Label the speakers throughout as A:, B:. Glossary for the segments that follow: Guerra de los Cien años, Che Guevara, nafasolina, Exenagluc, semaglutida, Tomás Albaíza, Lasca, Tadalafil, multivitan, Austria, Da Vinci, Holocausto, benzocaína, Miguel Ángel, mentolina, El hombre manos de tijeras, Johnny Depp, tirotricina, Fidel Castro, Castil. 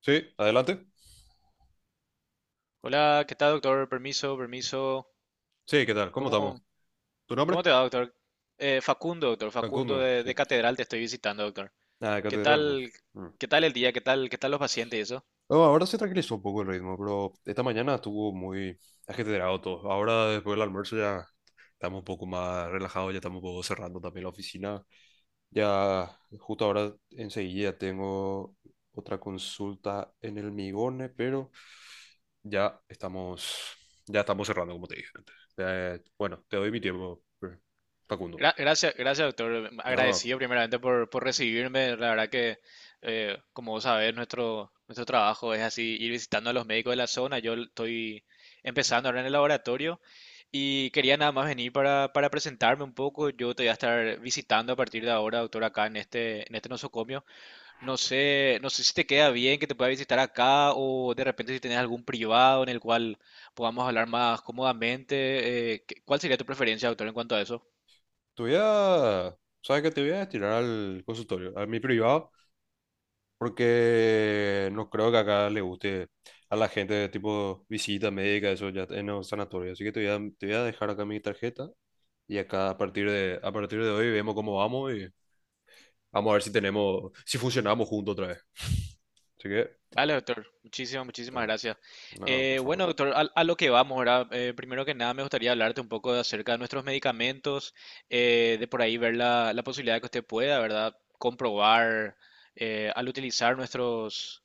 A: Sí, adelante.
B: Hola, ¿qué tal, doctor? Permiso, permiso.
A: Sí, ¿qué tal? ¿Cómo estamos?
B: ¿Cómo,
A: ¿Tu nombre?
B: cómo te va, doctor? Facundo, doctor, Facundo
A: Facundo,
B: de,
A: sí.
B: de Catedral te estoy visitando, doctor.
A: Ah, de
B: ¿Qué
A: Catedral, ¿no?
B: tal,
A: Mm.
B: qué tal el día? ¿Qué tal los pacientes y eso?
A: No, ahora se tranquilizó un poco el ritmo, pero esta mañana estuvo muy ajetreado todo. Ahora, después del almuerzo, ya estamos un poco más relajados, ya estamos un poco cerrando también la oficina. Ya, justo ahora, enseguida tengo otra consulta en el Migone, pero ya estamos, ya estamos cerrando, como te dije antes. Bueno, te doy mi tiempo, Facundo.
B: Gracias, gracias, doctor.
A: No,
B: Agradecido primeramente por recibirme. La verdad que, como vos sabés, nuestro trabajo es así, ir visitando a los médicos de la zona. Yo estoy empezando ahora en el laboratorio y quería nada más venir para presentarme un poco. Yo te voy a estar visitando a partir de ahora, doctor, acá en este nosocomio. No sé si te queda bien que te pueda visitar acá o de repente si tenés algún privado en el cual podamos hablar más cómodamente. ¿Cuál sería tu preferencia, doctor, en cuanto a eso?
A: Te voy a, ¿sabes qué? Te voy a destinar al consultorio, a mi privado, porque no creo que acá le guste a la gente, tipo visita médica, eso ya en un sanatorio. Así que te voy a dejar acá mi tarjeta y acá a partir de hoy vemos cómo vamos y vamos a ver si tenemos, si funcionamos juntos otra vez. Así que,
B: Vale, doctor, muchísimas, muchísimas
A: eh,
B: gracias.
A: no, por
B: Bueno,
A: favor.
B: doctor, a lo que vamos ahora, primero que nada me gustaría hablarte un poco de acerca de nuestros medicamentos, de por ahí ver la posibilidad de que usted pueda, ¿verdad?, comprobar al utilizar nuestros...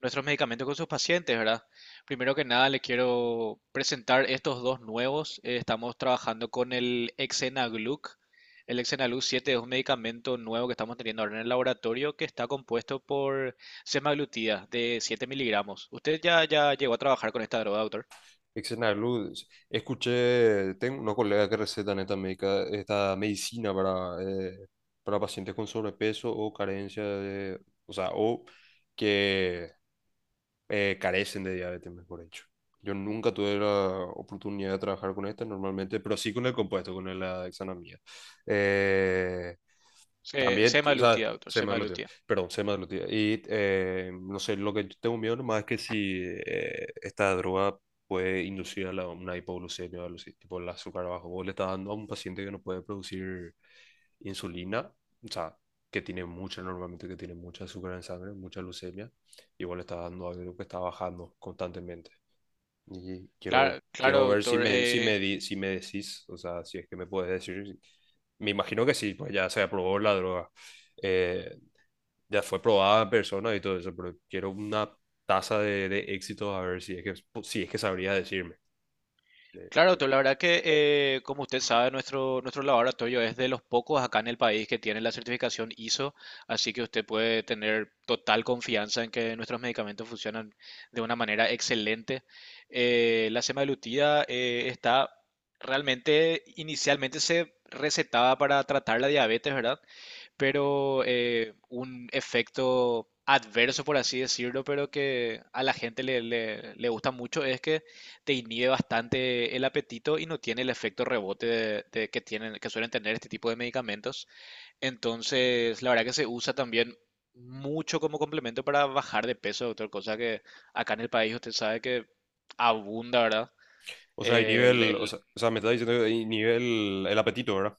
B: nuestros medicamentos con sus pacientes, ¿verdad? Primero que nada, le quiero presentar estos dos nuevos. Estamos trabajando con el Exenagluc. El Exenagluc 7 es un medicamento nuevo que estamos teniendo ahora en el laboratorio que está compuesto por semaglutida de 7 miligramos. ¿Usted ya llegó a trabajar con esta droga, doctor?
A: Excelente, escuché, tengo una colega que receta esta, médica, esta medicina para pacientes con sobrepeso o carencia de, o sea, o que carecen de diabetes, mejor dicho. Yo nunca tuve la oportunidad de trabajar con esta normalmente, pero sí con el compuesto, con la dexanamida. Eh, También, o sea,
B: Semaglutida, doctor,
A: se me semaglutida,
B: semaglutida.
A: perdón, se me semaglutida. Y no sé, lo que yo tengo miedo nomás es que si esta droga puede inducir a una hipoglucemia o algo así, tipo el azúcar bajo. Vos le estás dando a un paciente que no puede producir insulina, o sea, que tiene mucha, normalmente que tiene mucha azúcar en sangre, mucha leucemia igual está dando algo que está bajando constantemente. Y quiero,
B: Claro,
A: quiero
B: claro,
A: ver si
B: doctor.
A: me, si me decís, o sea, si es que me puedes decir. Me imagino que sí, pues ya se aprobó la droga. Eh, ya fue probada en persona y todo eso, pero quiero una tasa de éxito a ver si es que sabría decirme. De-
B: Claro,
A: de-
B: doctor, la verdad que, como usted sabe, nuestro laboratorio es de los pocos acá en el país que tiene la certificación ISO, así que usted puede tener total confianza en que nuestros medicamentos funcionan de una manera excelente. La semaglutida está realmente, inicialmente se recetaba para tratar la diabetes, ¿verdad? Pero un efecto adverso, por así decirlo, pero que a la gente le gusta mucho, es que te inhibe bastante el apetito y no tiene el efecto rebote de que tienen, que suelen tener este tipo de medicamentos. Entonces, la verdad que se usa también mucho como complemento para bajar de peso, doctor, cosa que acá en el país usted sabe que abunda, ¿verdad?
A: O sea, hay
B: El-
A: nivel, o
B: el-
A: sea, o sea, me está diciendo que hay nivel, el apetito, ¿verdad?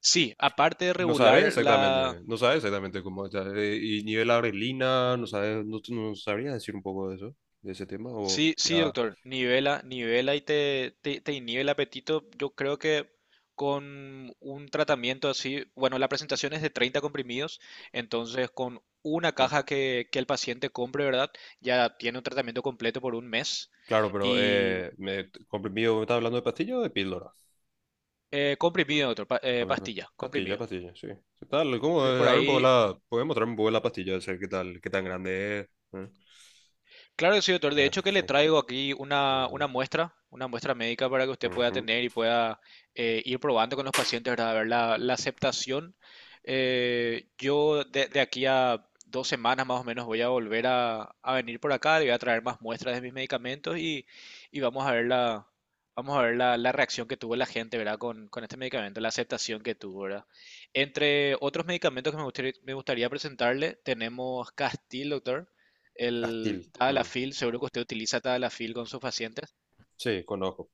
B: sí, aparte de
A: Y no sabes
B: regular la.
A: exactamente, no sabes exactamente cómo está. Y nivel adrenalina, no sabes, no sabrías decir un poco de eso, de ese tema, o
B: Sí, sí,
A: ya.
B: doctor, nivela, nivela y te inhibe el apetito. Yo creo que con un tratamiento así, bueno, la presentación es de 30 comprimidos, entonces con una
A: eh,
B: caja que el paciente compre, ¿verdad?, ya tiene un tratamiento completo por un mes.
A: Claro, pero
B: Y
A: comprimido, ¿me estás hablando de pastillas o de píldora?
B: eh, comprimido, doctor,
A: Sobre pa-
B: pastilla,
A: Pastilla,
B: comprimido.
A: pastilla, sí. ¿Qué tal? ¿Cómo?
B: De por
A: A ver un poco
B: ahí.
A: la, ¿puedes mostrarme un poco la pastilla? O sea, ¿qué tal? ¿Qué tan grande es? ¿Eh?
B: Claro que sí, doctor. De
A: Ah,
B: hecho, que le
A: sí.
B: traigo aquí
A: Ujú,
B: una muestra médica para que usted pueda
A: ujú.
B: tener y pueda ir probando con los pacientes, ¿verdad?, a ver la aceptación. Yo de aquí a 2 semanas más o menos voy a volver a venir por acá, le voy a traer más muestras de mis medicamentos y vamos a ver la reacción que tuvo la gente, ¿verdad? Con este medicamento, la aceptación que tuvo, ¿verdad? Entre otros medicamentos que me gustaría presentarle, tenemos Castil, doctor. El
A: Astil. Mm.
B: Tadalafil, seguro que usted utiliza Tadalafil con sus pacientes.
A: Sí, conozco.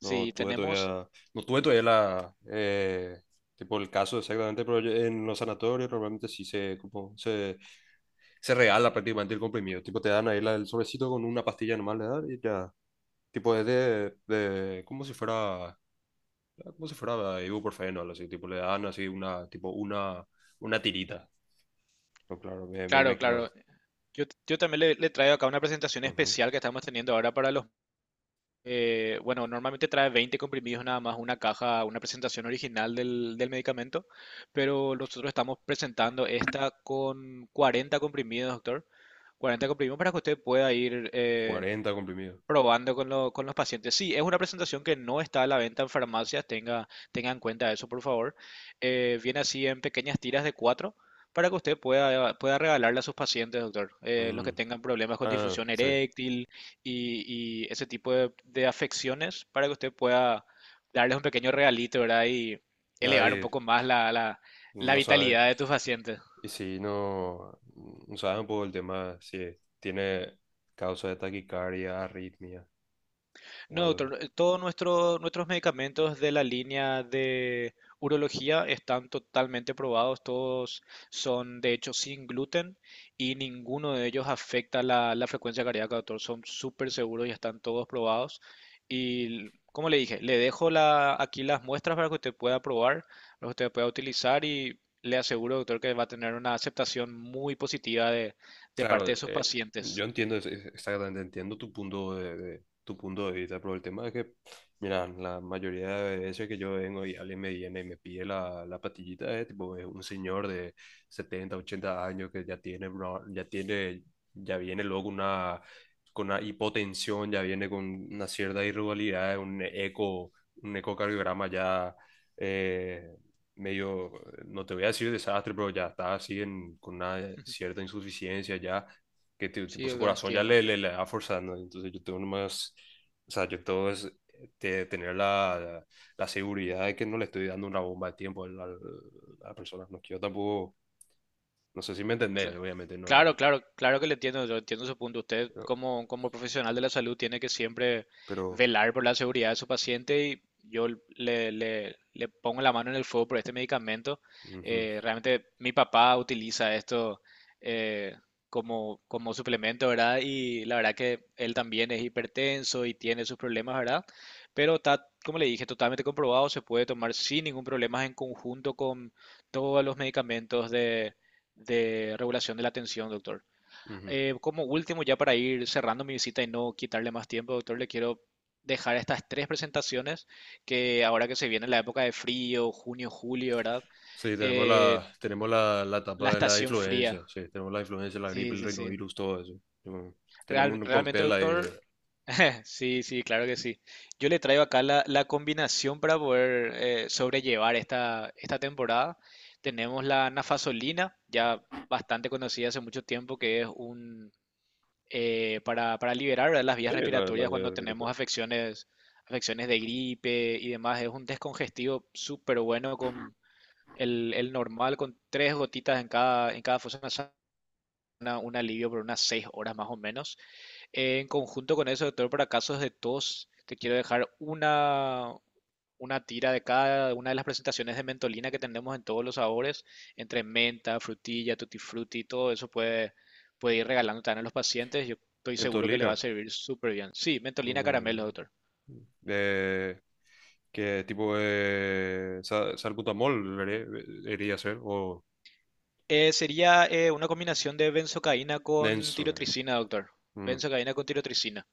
A: No tuve
B: tenemos,
A: todavía, no tuve todavía la, tipo el caso exactamente, pero en los sanatorios normalmente sí se, como, se regala prácticamente el comprimido. Tipo, te dan ahí el sobrecito con una pastilla normal de dar y ya. Tipo, es como si fuera ibuprofeno, algo así. Tipo, le dan así una, tipo, una tirita. No claro, me
B: claro,
A: imagino.
B: claro. Yo también le traigo acá una presentación
A: Ujú.
B: especial que estamos teniendo ahora para los. Bueno, normalmente trae 20 comprimidos nada más, una caja, una presentación original del medicamento, pero nosotros estamos presentando esta con 40 comprimidos, doctor. 40 comprimidos para que usted pueda ir
A: 40 comprimidos.
B: probando con los pacientes. Sí, es una presentación que no está a la venta en farmacias, tenga en cuenta eso, por favor. Viene así en pequeñas tiras de cuatro para que usted pueda regalarle a sus pacientes, doctor, los que
A: Mm.
B: tengan problemas con
A: Ah,
B: difusión
A: sí.
B: eréctil y ese tipo de afecciones, para que usted pueda darles un pequeño regalito, ¿verdad?, y elevar un
A: Ahí
B: poco más la
A: no sabes.
B: vitalidad de tus pacientes.
A: Y si no, no sabes un poco el tema, si tiene causa de taquicardia, arritmia o
B: No,
A: algo.
B: doctor, todos nuestros medicamentos de la línea de urología están totalmente probados, todos son de hecho sin gluten y ninguno de ellos afecta la frecuencia cardíaca, doctor, son súper seguros y están todos probados. Y como le dije, le dejo aquí las muestras para que usted pueda probar, para que usted pueda utilizar y le aseguro, doctor, que va a tener una aceptación muy positiva de
A: Claro,
B: parte de sus
A: yo
B: pacientes.
A: entiendo, exactamente entiendo tu punto de tu punto de vista, pero el tema es que, mira, la mayoría de veces que yo vengo y alguien me viene y me pide la, la pastillita, es tipo es un señor de 70, 80 años que ya tiene, ya viene luego con una hipotensión, ya viene con una cierta irregularidad, un ecocardiograma ya eh, medio, no te voy a decir desastre, pero ya está así con una cierta insuficiencia ya, que
B: Sí,
A: tipo su
B: doctor,
A: corazón ya
B: entiendo.
A: le va forzando. Entonces yo tengo nomás, o sea, yo tengo es tener la seguridad de que no le estoy dando una bomba de tiempo a la persona. No quiero tampoco, no sé si me
B: Cla-
A: entendés, obviamente
B: Claro,
A: no,
B: claro, claro que le entiendo, yo entiendo su punto. Usted
A: pero...
B: como profesional de la salud tiene que siempre
A: pero
B: velar por la seguridad de su paciente y yo le pongo la mano en el fuego por este medicamento.
A: ujú,
B: Realmente mi papá utiliza esto eh, como suplemento, ¿verdad? Y la verdad que él también es hipertenso y tiene sus problemas, ¿verdad? Pero está, como le dije, totalmente comprobado, se puede tomar sin ningún problema en conjunto con todos los medicamentos de regulación de la atención, doctor.
A: ujú.
B: Como último, ya para ir cerrando mi visita y no quitarle más tiempo, doctor, le quiero dejar estas tres presentaciones, que ahora que se viene la época de frío, junio, julio, ¿verdad?
A: Sí, tenemos
B: Eh,
A: la, tenemos la, la
B: la
A: etapa de la
B: estación
A: influencia,
B: fría.
A: sí, tenemos la influencia, la gripe,
B: Sí,
A: el
B: sí, sí.
A: rinovirus, todo eso. Yo- Tenemos un
B: Realmente,
A: cóctel ahí.
B: doctor, sí, sí, claro que sí. Yo le traigo acá la combinación para poder sobrellevar esta temporada. Tenemos la nafasolina, ya bastante conocida hace mucho tiempo, que es para liberar, ¿verdad?, las
A: Sí,
B: vías
A: la
B: respiratorias cuando
A: de Pirata.
B: tenemos afecciones de gripe y demás. Es un descongestivo súper bueno con el normal, con 3 gotitas en cada fosa nasal, un alivio por unas 6 horas más o menos. En conjunto con eso, doctor, para casos de tos, te quiero dejar una tira de cada una de las presentaciones de mentolina que tenemos en todos los sabores, entre menta, frutilla, tutti frutti. Todo eso puede ir regalando también a los pacientes. Yo estoy seguro que le
A: Mentolina.
B: va a servir súper bien. Sí, mentolina caramelo,
A: Mentol-
B: doctor.
A: Eh, que tipo de salbutamol debería ser o
B: Sería una combinación de benzocaína con
A: denso.
B: tirotricina, doctor.
A: Mm,
B: Benzocaína con tirotricina.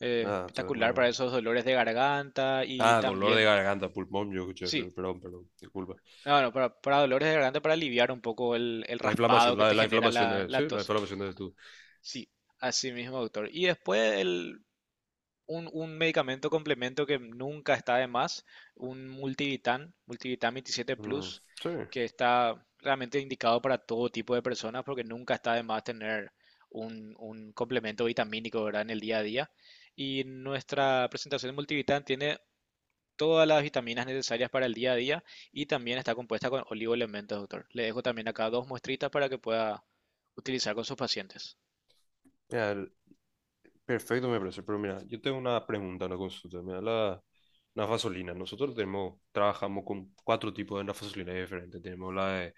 A: ah, yo
B: Espectacular para
A: no.
B: esos dolores de garganta y
A: Ah, dolor de
B: también,
A: garganta, pulmón, yo escuché,
B: sí.
A: perdón, perdón, disculpa.
B: No, no, para dolores de garganta, para aliviar un poco el
A: La inflamación,
B: raspado que
A: la,
B: te
A: la
B: genera
A: inflamación
B: la,
A: es,
B: la
A: sí, la
B: tos.
A: inflamación es tú.
B: Sí, así mismo, doctor. Y después un medicamento complemento que nunca está de más, un multivitan 27
A: Mm,
B: Plus,
A: sí.
B: que está realmente indicado para todo tipo de personas porque nunca está de más tener un complemento vitamínico, ¿verdad?, en el día a día. Y nuestra presentación de multivitam tiene todas las vitaminas necesarias para el día a día y también está compuesta con oligoelementos, doctor. Le dejo también acá dos muestritas para que pueda utilizar con sus pacientes.
A: Mira, perfecto me parece, pero mira, yo tengo una pregunta, una consulta. Mira, la nafazolina. Nosotros trabajamos con cuatro tipos de nafazolina diferentes. Tenemos la de,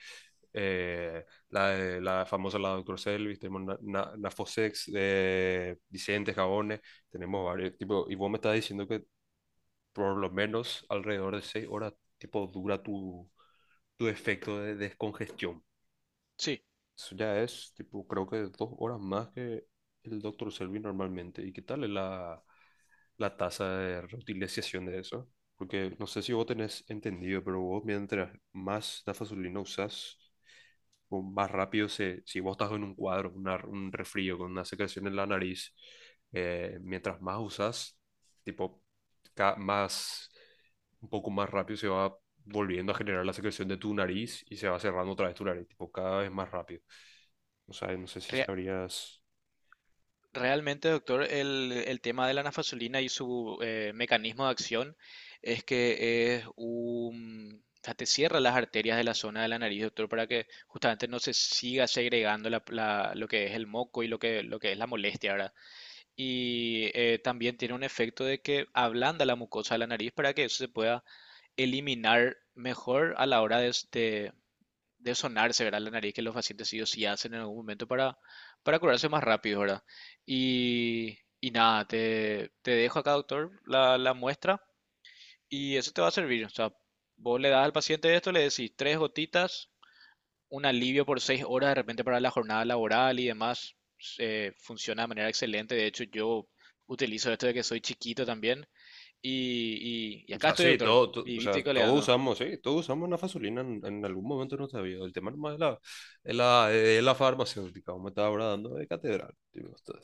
A: la famosa, la doctor Selvis, tenemos Nafosex, Vicente, jabones, tenemos varios tipos. Y vos me estás diciendo que por lo menos alrededor de 6 horas, tipo, dura tu efecto de descongestión.
B: Sí,
A: Eso ya es, tipo, creo que 2 horas más que el doctor Selby normalmente. ¿Y qué tal es la tasa de reutilización de eso? Porque no sé si vos tenés entendido, pero vos mientras más dafasolina usás, o más rápido si vos estás con un cuadro, un resfrío, con una secreción en la nariz, mientras más usas, tipo, más, un poco más rápido se va volviendo a generar la secreción de tu nariz y se va cerrando otra vez tu nariz, tipo, cada vez más rápido. O sea, no sé si
B: rea-
A: sabrías.
B: realmente, doctor, el tema de la nafazolina y su mecanismo de acción es que o sea, te cierra las arterias de la zona de la nariz, doctor, para que justamente no se siga segregando lo que es el moco y lo que es la molestia, ¿verdad? Y también tiene un efecto de que ablanda la mucosa de la nariz para que eso se pueda eliminar mejor a la hora de sonarse, ¿verdad?, la nariz, que los pacientes sí o sí hacen en algún momento para curarse más rápido, ¿verdad? Y nada, te dejo acá, doctor, la muestra y eso te va a servir. O sea, vos le das al paciente esto, le decís 3 gotitas, un alivio por 6 horas de repente para la jornada laboral y demás, funciona de manera excelente. De hecho, yo utilizo esto de que soy chiquito también. Y
A: O
B: acá
A: sea,
B: estoy,
A: sí,
B: doctor,
A: o
B: vivito
A: sea,
B: y
A: todos
B: coleando.
A: usamos, sí, todos usamos la fasolina en algún momento de nuestra vida. El tema nomás es la, es la farmacéutica, como me estaba ahora dando de catedral. Tipo, esto.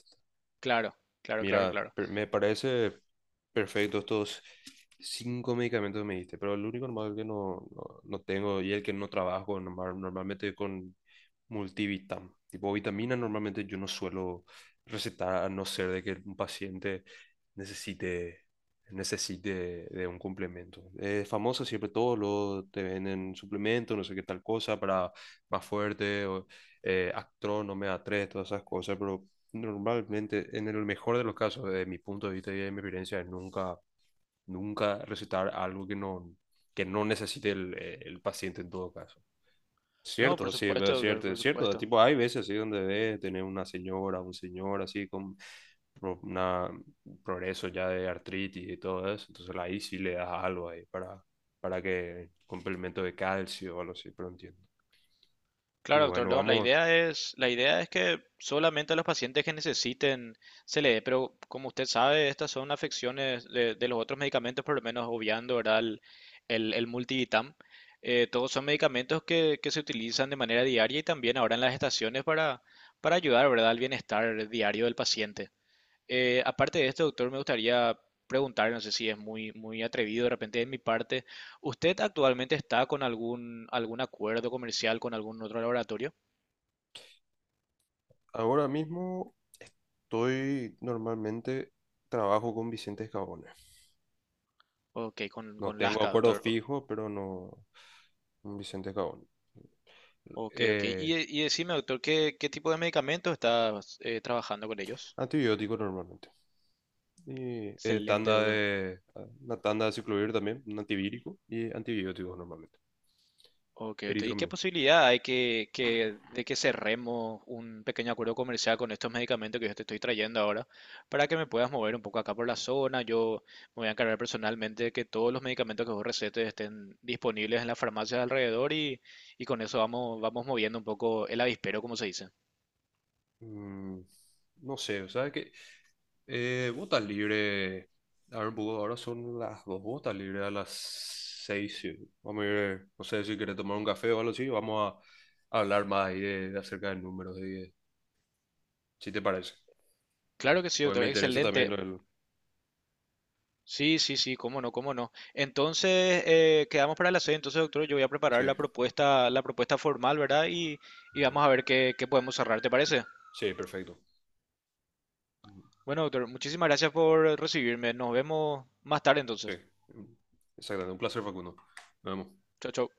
B: Claro, claro, claro,
A: Mira,
B: claro.
A: me parece perfecto estos cinco medicamentos que me diste, pero el único normal que no, no, no tengo y el que no trabajo normalmente con multivitam. Tipo vitaminas normalmente yo no suelo recetar a no ser de que un paciente necesite, necesite de un complemento. Es famoso siempre todo, lo te venden suplementos, no sé qué tal cosa, para más fuerte, o, Actro, Omega 3, todas esas cosas, pero normalmente, en el mejor de los casos, desde mi punto de vista y de mi experiencia, es nunca, nunca recetar algo que no necesite el paciente en todo caso.
B: No,
A: Cierto,
B: por
A: sí,
B: supuesto,
A: es
B: doctor,
A: cierto,
B: por
A: es cierto.
B: supuesto.
A: Tipo, hay veces así donde ves tener una señora, un señor así con una progreso ya de artritis y todo eso. Entonces ahí sí le das algo ahí para que complemento de calcio o algo así, pero no entiendo. Y
B: Claro, doctor
A: bueno,
B: Long, la
A: vamos.
B: idea es, la idea es que solamente a los pacientes que necesiten se le dé, pero como usted sabe, estas son afecciones de los otros medicamentos, por lo menos obviando, ¿verdad? El Multivitam. Todos son medicamentos que se utilizan de manera diaria y también ahora en las estaciones para ayudar, ¿verdad?, al bienestar diario del paciente. Aparte de esto, doctor, me gustaría preguntar, no sé si es muy, muy atrevido de repente de mi parte, ¿usted actualmente está con algún acuerdo comercial con algún otro laboratorio?
A: Ahora mismo estoy normalmente trabajo con Vicente Escabone.
B: Ok, con,
A: No
B: con
A: tengo
B: Lasca,
A: acuerdo
B: doctor.
A: fijo, pero no con Vicente Escabone.
B: Ok, ok.
A: Eh,
B: Y decime, doctor, ¿qué tipo de medicamentos está trabajando con ellos?
A: Antibiótico normalmente. Y
B: Excelente, doctor.
A: una tanda de ciclovir también, un antivírico y antibióticos normalmente.
B: Ok, ok. ¿Y qué
A: Eritromin.
B: posibilidad hay de que cerremos un pequeño acuerdo comercial con estos medicamentos que yo te estoy trayendo ahora para que me puedas mover un poco acá por la zona? Yo me voy a encargar personalmente de que todos los medicamentos que vos recetes estén disponibles en las farmacias de alrededor, y con eso vamos moviendo un poco el avispero, como se dice.
A: Mm, no sé, o sea que. Vota libre. A ver, Bugo, ahora son las dos botas libres a las seis. Sí. Vamos a ir, no sé si quieres tomar un café o algo así. Vamos a hablar más ahí de acerca de números, de, si te parece.
B: Claro que sí,
A: Porque me
B: doctor.
A: interesa también
B: Excelente.
A: el.
B: Sí, sí, sí, cómo no, cómo no. Entonces, quedamos para la sede. Entonces, doctor, yo voy a preparar
A: Sí.
B: la propuesta, formal, ¿verdad? Y
A: Ujú.
B: vamos a ver qué podemos cerrar, ¿te parece?
A: Sí, perfecto. Ujú.
B: Bueno, doctor, muchísimas gracias por recibirme. Nos vemos más tarde
A: Sí.
B: entonces.
A: Exactamente. Un placer, Facundo. Nos vemos.
B: Chao, chao.